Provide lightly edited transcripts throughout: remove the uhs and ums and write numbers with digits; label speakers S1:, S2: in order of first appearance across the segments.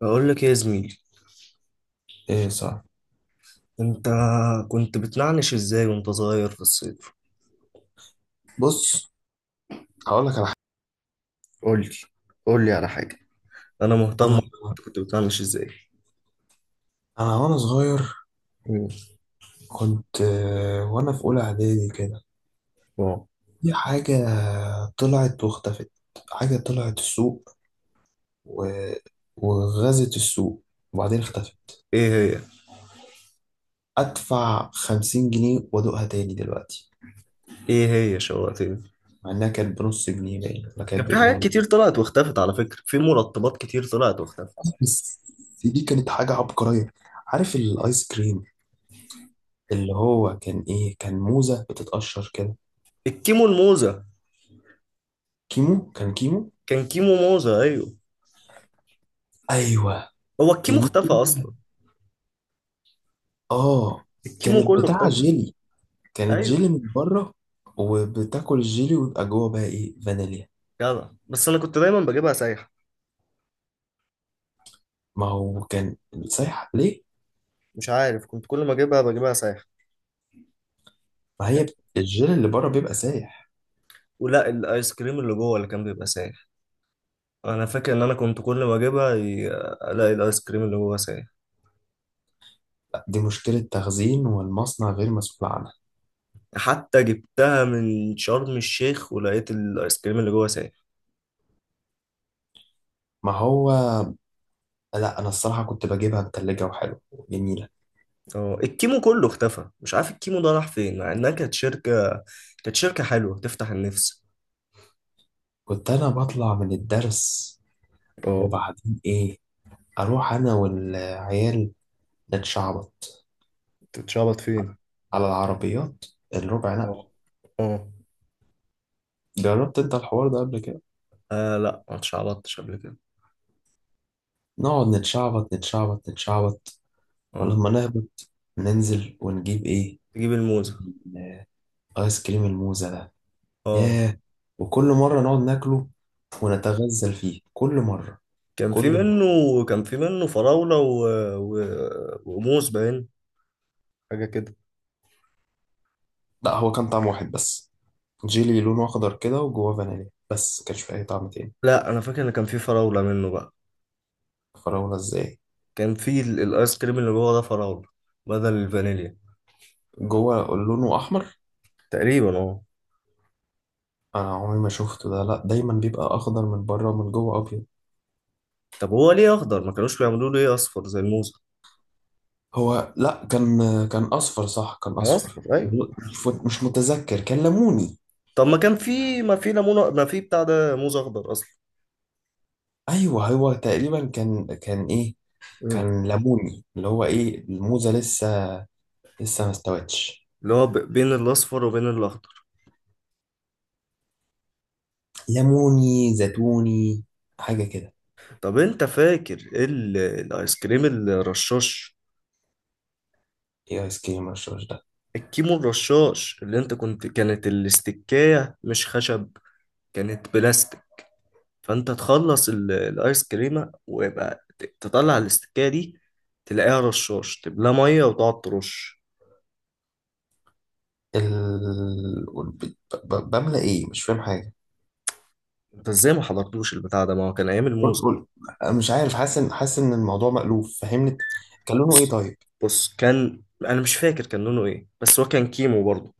S1: بقول لك إيه يا زميلي؟
S2: ايه، صح.
S1: انت كنت بتنعنش ازاي وانت صغير في الصيف؟
S2: بص، هقول لك على حاجه.
S1: قول لي، قول لي على حاجة. انا مهتم،
S2: انا
S1: انت كنت بتنعنش ازاي؟
S2: انا وانا صغير
S1: مم.
S2: كنت وانا في اولى اعدادي كده.
S1: واو.
S2: في حاجه طلعت واختفت. حاجه طلعت السوق و... وغزت السوق وبعدين اختفت.
S1: ايه هي
S2: ادفع 50 جنيه وادوقها تاني دلوقتي،
S1: ايه هي شوقتني.
S2: مع انها كانت بنص جنيه باين ولا
S1: كان
S2: كانت
S1: في حاجات
S2: بجنون.
S1: كتير طلعت واختفت، على فكرة في مرطبات كتير طلعت واختفت.
S2: بس دي كانت حاجه عبقريه. عارف الايس كريم اللي هو كان ايه، كان موزه بتتقشر كده؟
S1: الكيمو الموزة،
S2: كيمو، كان كيمو.
S1: كان كيمو موزة، ايوه.
S2: ايوه.
S1: هو
S2: يعني
S1: الكيمو اختفى
S2: ممكن،
S1: اصلا؟
S2: اه.
S1: الكيمو
S2: كانت
S1: كله
S2: بتاع
S1: اختفى.
S2: جيلي، كانت
S1: ايوه.
S2: جيلي من بره وبتاكل الجيلي ويبقى جوه بقى ايه، فانيليا.
S1: جدع، بس انا كنت دايما بجيبها سايحة.
S2: ما هو كان سايح ليه؟
S1: مش عارف، كنت كل ما اجيبها بجيبها سايحة.
S2: ما هي الجيلي اللي بره بيبقى سايح.
S1: ولا الايس كريم اللي جوه اللي كان بيبقى سايح. انا فاكر ان انا كنت كل ما اجيبها الاقي الايس كريم اللي جوه سايح.
S2: لا، دي مشكلة تخزين والمصنع غير مسؤول عنها.
S1: حتى جبتها من شرم الشيخ ولقيت الايس كريم اللي جوه سايح.
S2: ما هو لا، انا الصراحة كنت بجيبها متلجة وحلوة وجميلة.
S1: اه الكيمو كله اختفى، مش عارف الكيمو ده راح فين، مع انها كانت شركة، كانت شركة حلوة تفتح النفس.
S2: كنت انا بطلع من الدرس
S1: اه.
S2: وبعدين ايه، اروح انا والعيال نتشعبط
S1: تتشعبط فين؟
S2: على العربيات، الربع نقل.
S1: اه. اه.
S2: جربت انت الحوار ده قبل كده؟
S1: لا ما اتشعبطتش قبل كده.
S2: نقعد نتشعبط نتشعبط نتشعبط،
S1: اه.
S2: ولما نهبط ننزل ونجيب ايه،
S1: تجيب الموزة.
S2: ايس كريم الموزة ده.
S1: اه.
S2: ياه، وكل مرة نقعد ناكله ونتغزل فيه كل مرة،
S1: كان في
S2: كل مرة.
S1: منه، كان في منه فراولة و... وموز باين، حاجة كده.
S2: لا، هو كان طعم واحد بس، جيلي لونه اخضر كده وجواه فانيليا، بس كانش فيه اي طعم تاني.
S1: لا انا فاكر ان كان في فراولة منه بقى.
S2: فراولة ازاي؟
S1: كان في الايس كريم اللي جوه ده فراولة بدل الفانيليا.
S2: جوه لونه احمر؟
S1: تقريبا اه.
S2: انا عمري ما شفته ده، لا دايما بيبقى اخضر من بره ومن جوه ابيض.
S1: طب هو ليه اخضر؟ ما كانوش بيعملوه ليه اصفر زي الموزة؟
S2: هو لا كان كان اصفر، صح كان اصفر.
S1: اصفر ايوه.
S2: مش متذكر، كان ليموني.
S1: طب ما كان في، ما في ليمون، ما في بتاع ده، موز اخضر اصلا.
S2: ايوه، هو تقريبا كان ايه،
S1: مم.
S2: كان ليموني اللي هو ايه، الموزه لسه لسه ما استوتش.
S1: اللي هو بين الاصفر وبين الاخضر.
S2: ليموني زيتوني، حاجه كده.
S1: طب انت فاكر الايس كريم الرشاش؟
S2: ايه ايس كريم الرشاش ده؟
S1: الكيمو الرشاش اللي انت كنت، كانت الاستكاية مش خشب، كانت بلاستيك. فانت تخلص الايس كريمه ويبقى تطلع الاستكايه دي، تلاقيها رشاش، تملاه ميه وتقعد ترش.
S2: ال... ب- بملى ايه، مش فاهم حاجه.
S1: انت ازاي ما حضرتوش البتاع ده؟ ما هو كان ايام
S2: قول،
S1: الموزه.
S2: قول. مش عارف، حاسس ان، حاسس ان الموضوع مألوف، فهمني. كان لونه ايه
S1: بص،
S2: طيب؟
S1: بص، كان، انا مش فاكر كان لونه ايه، بس هو كان كيمو برضه،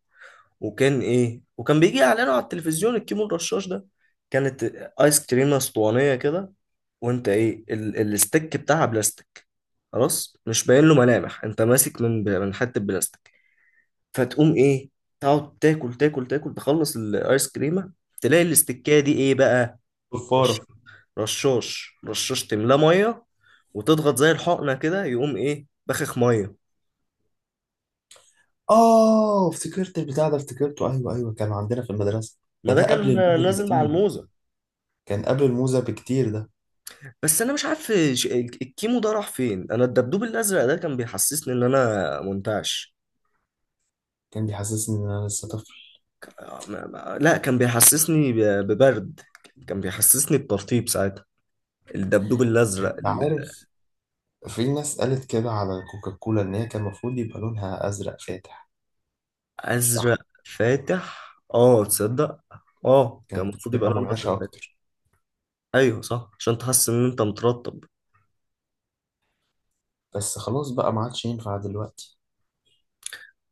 S1: وكان ايه، وكان بيجي اعلانه على التلفزيون، الكيمو الرشاش ده، كانت ايس كريمه اسطوانيه كده، وانت ايه، الاستيك بتاعها بلاستيك، خلاص مش باين له ملامح، انت ماسك من حته بلاستيك، فتقوم ايه، تقعد تاكل تاكل تاكل تخلص الايس كريمه، تلاقي الاستكايه دي ايه بقى، رش-
S2: صفاره.
S1: رشاش، رشاش تملاه ميه، وتضغط زي الحقنه كده يقوم ايه، بخخ ميه.
S2: اه افتكرت البتاع ده، افتكرته، ايوه ايوه، كان عندنا في المدرسه.
S1: ما
S2: ده
S1: ده
S2: ده قبل
S1: كان
S2: الموزه
S1: نازل مع
S2: بكتير.
S1: الموزه.
S2: كان قبل الموزه بكتير ده.
S1: بس انا مش عارف الكيمو ده راح فين. انا الدبدوب الازرق ده كان بيحسسني ان انا منتعش.
S2: كان بيحسسني ان انا لسه طفل.
S1: لا كان بيحسسني ببرد، كان بيحسسني بترطيب ساعتها، الدبدوب الازرق.
S2: انت عارف، في ناس قالت كده على كوكاكولا إن هي كان المفروض يبقى لونها أزرق فاتح، مش أحمر.
S1: ازرق فاتح، اه، تصدق؟ اه كان
S2: كانت
S1: المفروض يبقى
S2: بتبقى
S1: لونه
S2: منعشة
S1: ازرق فاتح.
S2: أكتر.
S1: ايوه صح، عشان تحس ان انت مترتب.
S2: بس خلاص بقى، ما عادش ينفع دلوقتي.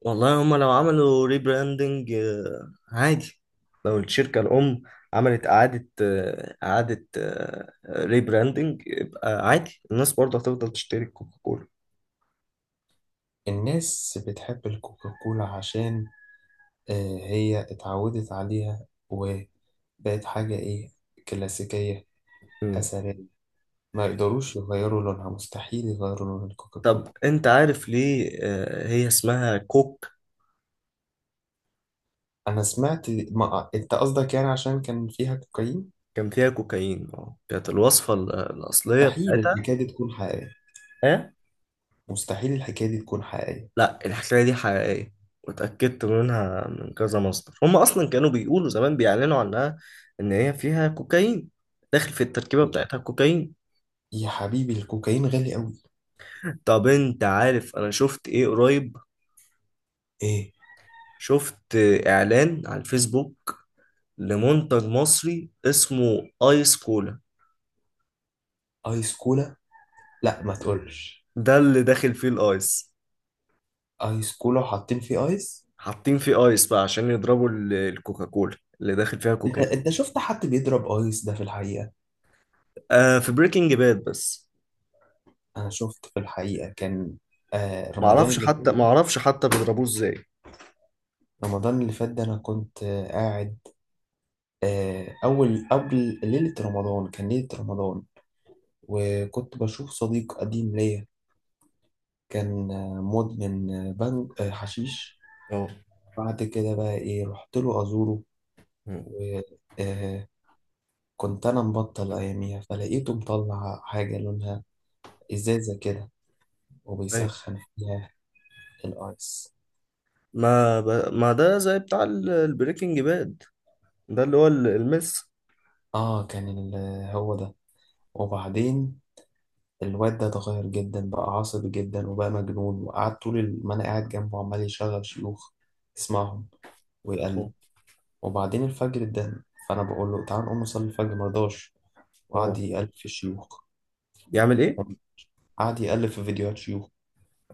S1: والله هما لو عملوا ريبراندنج عادي، لو الشركة الأم عملت إعادة، إعادة ريبراندنج، يبقى عادي الناس برضه هتفضل تشتري كوكا كولا.
S2: الناس بتحب الكوكاكولا عشان آه، هي اتعودت عليها وبقت حاجة إيه، كلاسيكية،
S1: مم.
S2: أثرية. ما يقدروش يغيروا لونها، مستحيل يغيروا لون
S1: طب
S2: الكوكاكولا.
S1: أنت عارف ليه هي اسمها كوك؟
S2: أنا سمعت ما... أنت قصدك يعني عشان كان فيها كوكايين.
S1: كان فيها كوكايين، اه، كانت الوصفة الأصلية
S2: مستحيل
S1: بتاعتها.
S2: الحكاية دي تكون حقيقية.
S1: إيه؟
S2: مستحيل الحكاية دي تكون حقيقية.
S1: لا الحكاية دي حقيقية، واتأكدت منها من كذا مصدر، هم أصلا كانوا بيقولوا زمان، بيعلنوا عنها إن هي فيها كوكايين، داخل في التركيبة بتاعتها كوكايين.
S2: يا حبيبي الكوكايين غالي قوي.
S1: طب أنت عارف أنا شفت إيه قريب؟
S2: ايه،
S1: شفت إعلان على الفيسبوك لمنتج مصري اسمه آيس كولا.
S2: ايس كولا؟ لا ما تقولش،
S1: ده اللي داخل فيه الآيس.
S2: ايس كولا وحاطين فيه ايس!
S1: حاطين فيه آيس بقى عشان يضربوا الكوكاكولا اللي داخل فيها
S2: انت،
S1: كوكايين.
S2: انت شفت حد بيضرب ايس ده في الحقيقه؟
S1: آه في بريكنج باد بس.
S2: انا شفت في الحقيقه، كان آه رمضان
S1: معرفش
S2: اللي فات
S1: حتى
S2: ده.
S1: معرفش حتى بيضربوه إزاي.
S2: رمضان اللي فات ده انا كنت قاعد، اول قبل ليله رمضان، كان ليله رمضان، وكنت بشوف صديق قديم ليا. كان مدمن بنج، آه حشيش.
S1: اه.
S2: بعد كده بقى ايه، رحت له ازوره و آه، كنت انا مبطل اياميها، فلقيته مطلع حاجه لونها ازازه كده
S1: مم.
S2: وبيسخن فيها، الايس.
S1: ما ده زي بتاع البريكنج باد، ده اللي هو المس.
S2: اه كان ال- هو ده. وبعدين الواد ده اتغير جدا، بقى عصبي جدا وبقى مجنون، وقعدت طول ما انا قاعد جنبه عمال يشغل شيوخ، يسمعهم ويقلب.
S1: اه.
S2: وبعدين الفجر اتدهن، فانا بقول له تعال نقوم نصلي الفجر، مرضاش. وقعد
S1: آه.
S2: يقلب في الشيوخ،
S1: يعمل ايه؟
S2: قعد يقلب في فيديوهات شيوخ.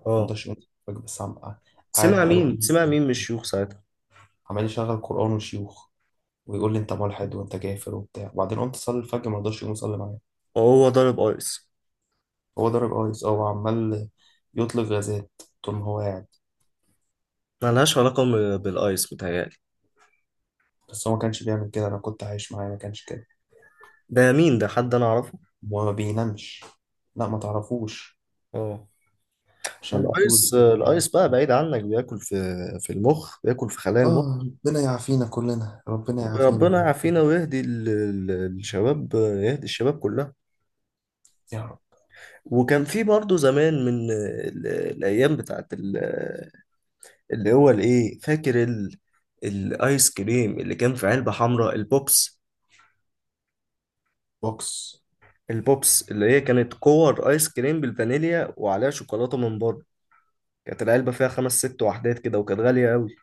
S1: اه.
S2: مرضاش يقوم يصلي الفجر، قاعد
S1: سمع
S2: بقاله
S1: مين
S2: خمس
S1: سمع
S2: ساعات
S1: مين من الشيوخ ساعتها؟
S2: عمال يشغل قرآن وشيوخ ويقول لي انت ملحد وانت كافر وبتاع. وبعدين قمت اصلي الفجر ما رضاش يقوم يصلي معايا.
S1: وهو ضارب ايس؟
S2: هو ضرب ايس، اه، وعمال يطلق غازات طول ما هو قاعد.
S1: ملهاش علاقة بالايس متهيألي.
S2: بس هو ما كانش بيعمل كده، انا كنت عايش معاه ما كانش كده.
S1: ده مين؟ ده حد انا اعرفه؟
S2: وما بينامش. لا ما تعرفوش،
S1: اه. ما
S2: شاب سوري
S1: الايس،
S2: كده يعني.
S1: الايس بقى بعيد عنك بياكل في، في المخ، بياكل في خلايا المخ.
S2: اه، ربنا يعافينا كلنا، ربنا يعافينا.
S1: ربنا يعافينا ويهدي الشباب، يهدي الشباب كلها.
S2: يا رب.
S1: وكان في برضه زمان من الايام بتاعت اللي هو الايه، فاكر الايس كريم اللي كان في علبة حمراء، البوبس؟
S2: بوكس.
S1: البوبس اللي هي كانت كور ايس كريم بالفانيليا وعليها شوكولاتة من بره، كانت العلبة فيها خمس ست وحدات كده وكانت غالية قوي.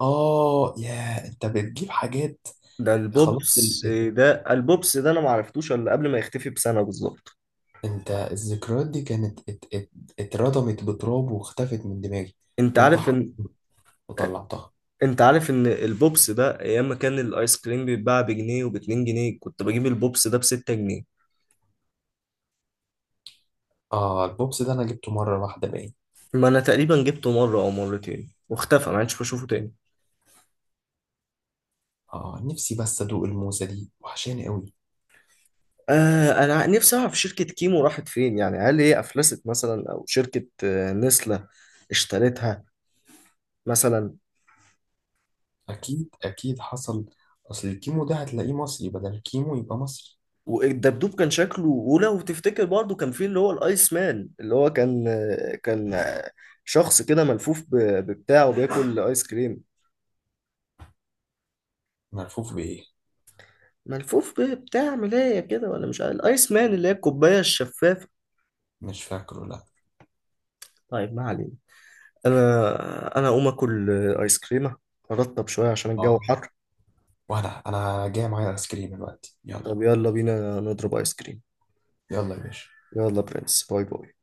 S2: اه يا انت بتجيب حاجات.
S1: ده
S2: خلاص
S1: البوبس، ده البوبس ده انا ما عرفتوش الا قبل ما يختفي بسنة بالظبط.
S2: انت الذكريات دي كانت اتردمت بتراب واختفت من دماغي.
S1: انت
S2: وانت
S1: عارف
S2: ح-
S1: ان،
S2: وطلعتها.
S1: انت عارف ان البوبس ده ايام ما كان الايس كريم بيتباع بجنيه وباتنين جنيه، كنت بجيب البوبس ده بستة جنيه.
S2: اه البوبس ده انا جبته مرة واحدة باين.
S1: ما انا تقريبا جبته مرة او مرتين واختفى، ما عادش بشوفه تاني.
S2: اه نفسي بس ادوق الموزة دي، وحشاني قوي.
S1: آه انا نفسي اعرف شركة كيمو راحت فين، يعني هل هي افلست مثلا، او شركة نسلة اشترتها مثلا.
S2: اكيد، اكيد حصل. اصل الكيمو ده هتلاقيه مصري، بدل الكيمو يبقى مصري.
S1: والدبدوب كان شكله، ولو تفتكر برضو كان فيه اللي هو الايس مان اللي هو كان، شخص كده ملفوف ببتاع وبياكل ايس كريم.
S2: ملفوف بايه؟
S1: ملفوف ببتاع ملاية كده، ولا مش عارف، الايس مان اللي هي الكوباية الشفافة.
S2: مش فاكره، لا.
S1: طيب ما علينا. انا اقوم اكل ايس كريمة، ارطب شوية عشان الجو
S2: اه،
S1: حر.
S2: وانا جاي معايا ايس كريم دلوقتي، يلا.
S1: طب يلا بينا نضرب ايس كريم.
S2: يلا يا باشا.
S1: يلا برنس، باي باي.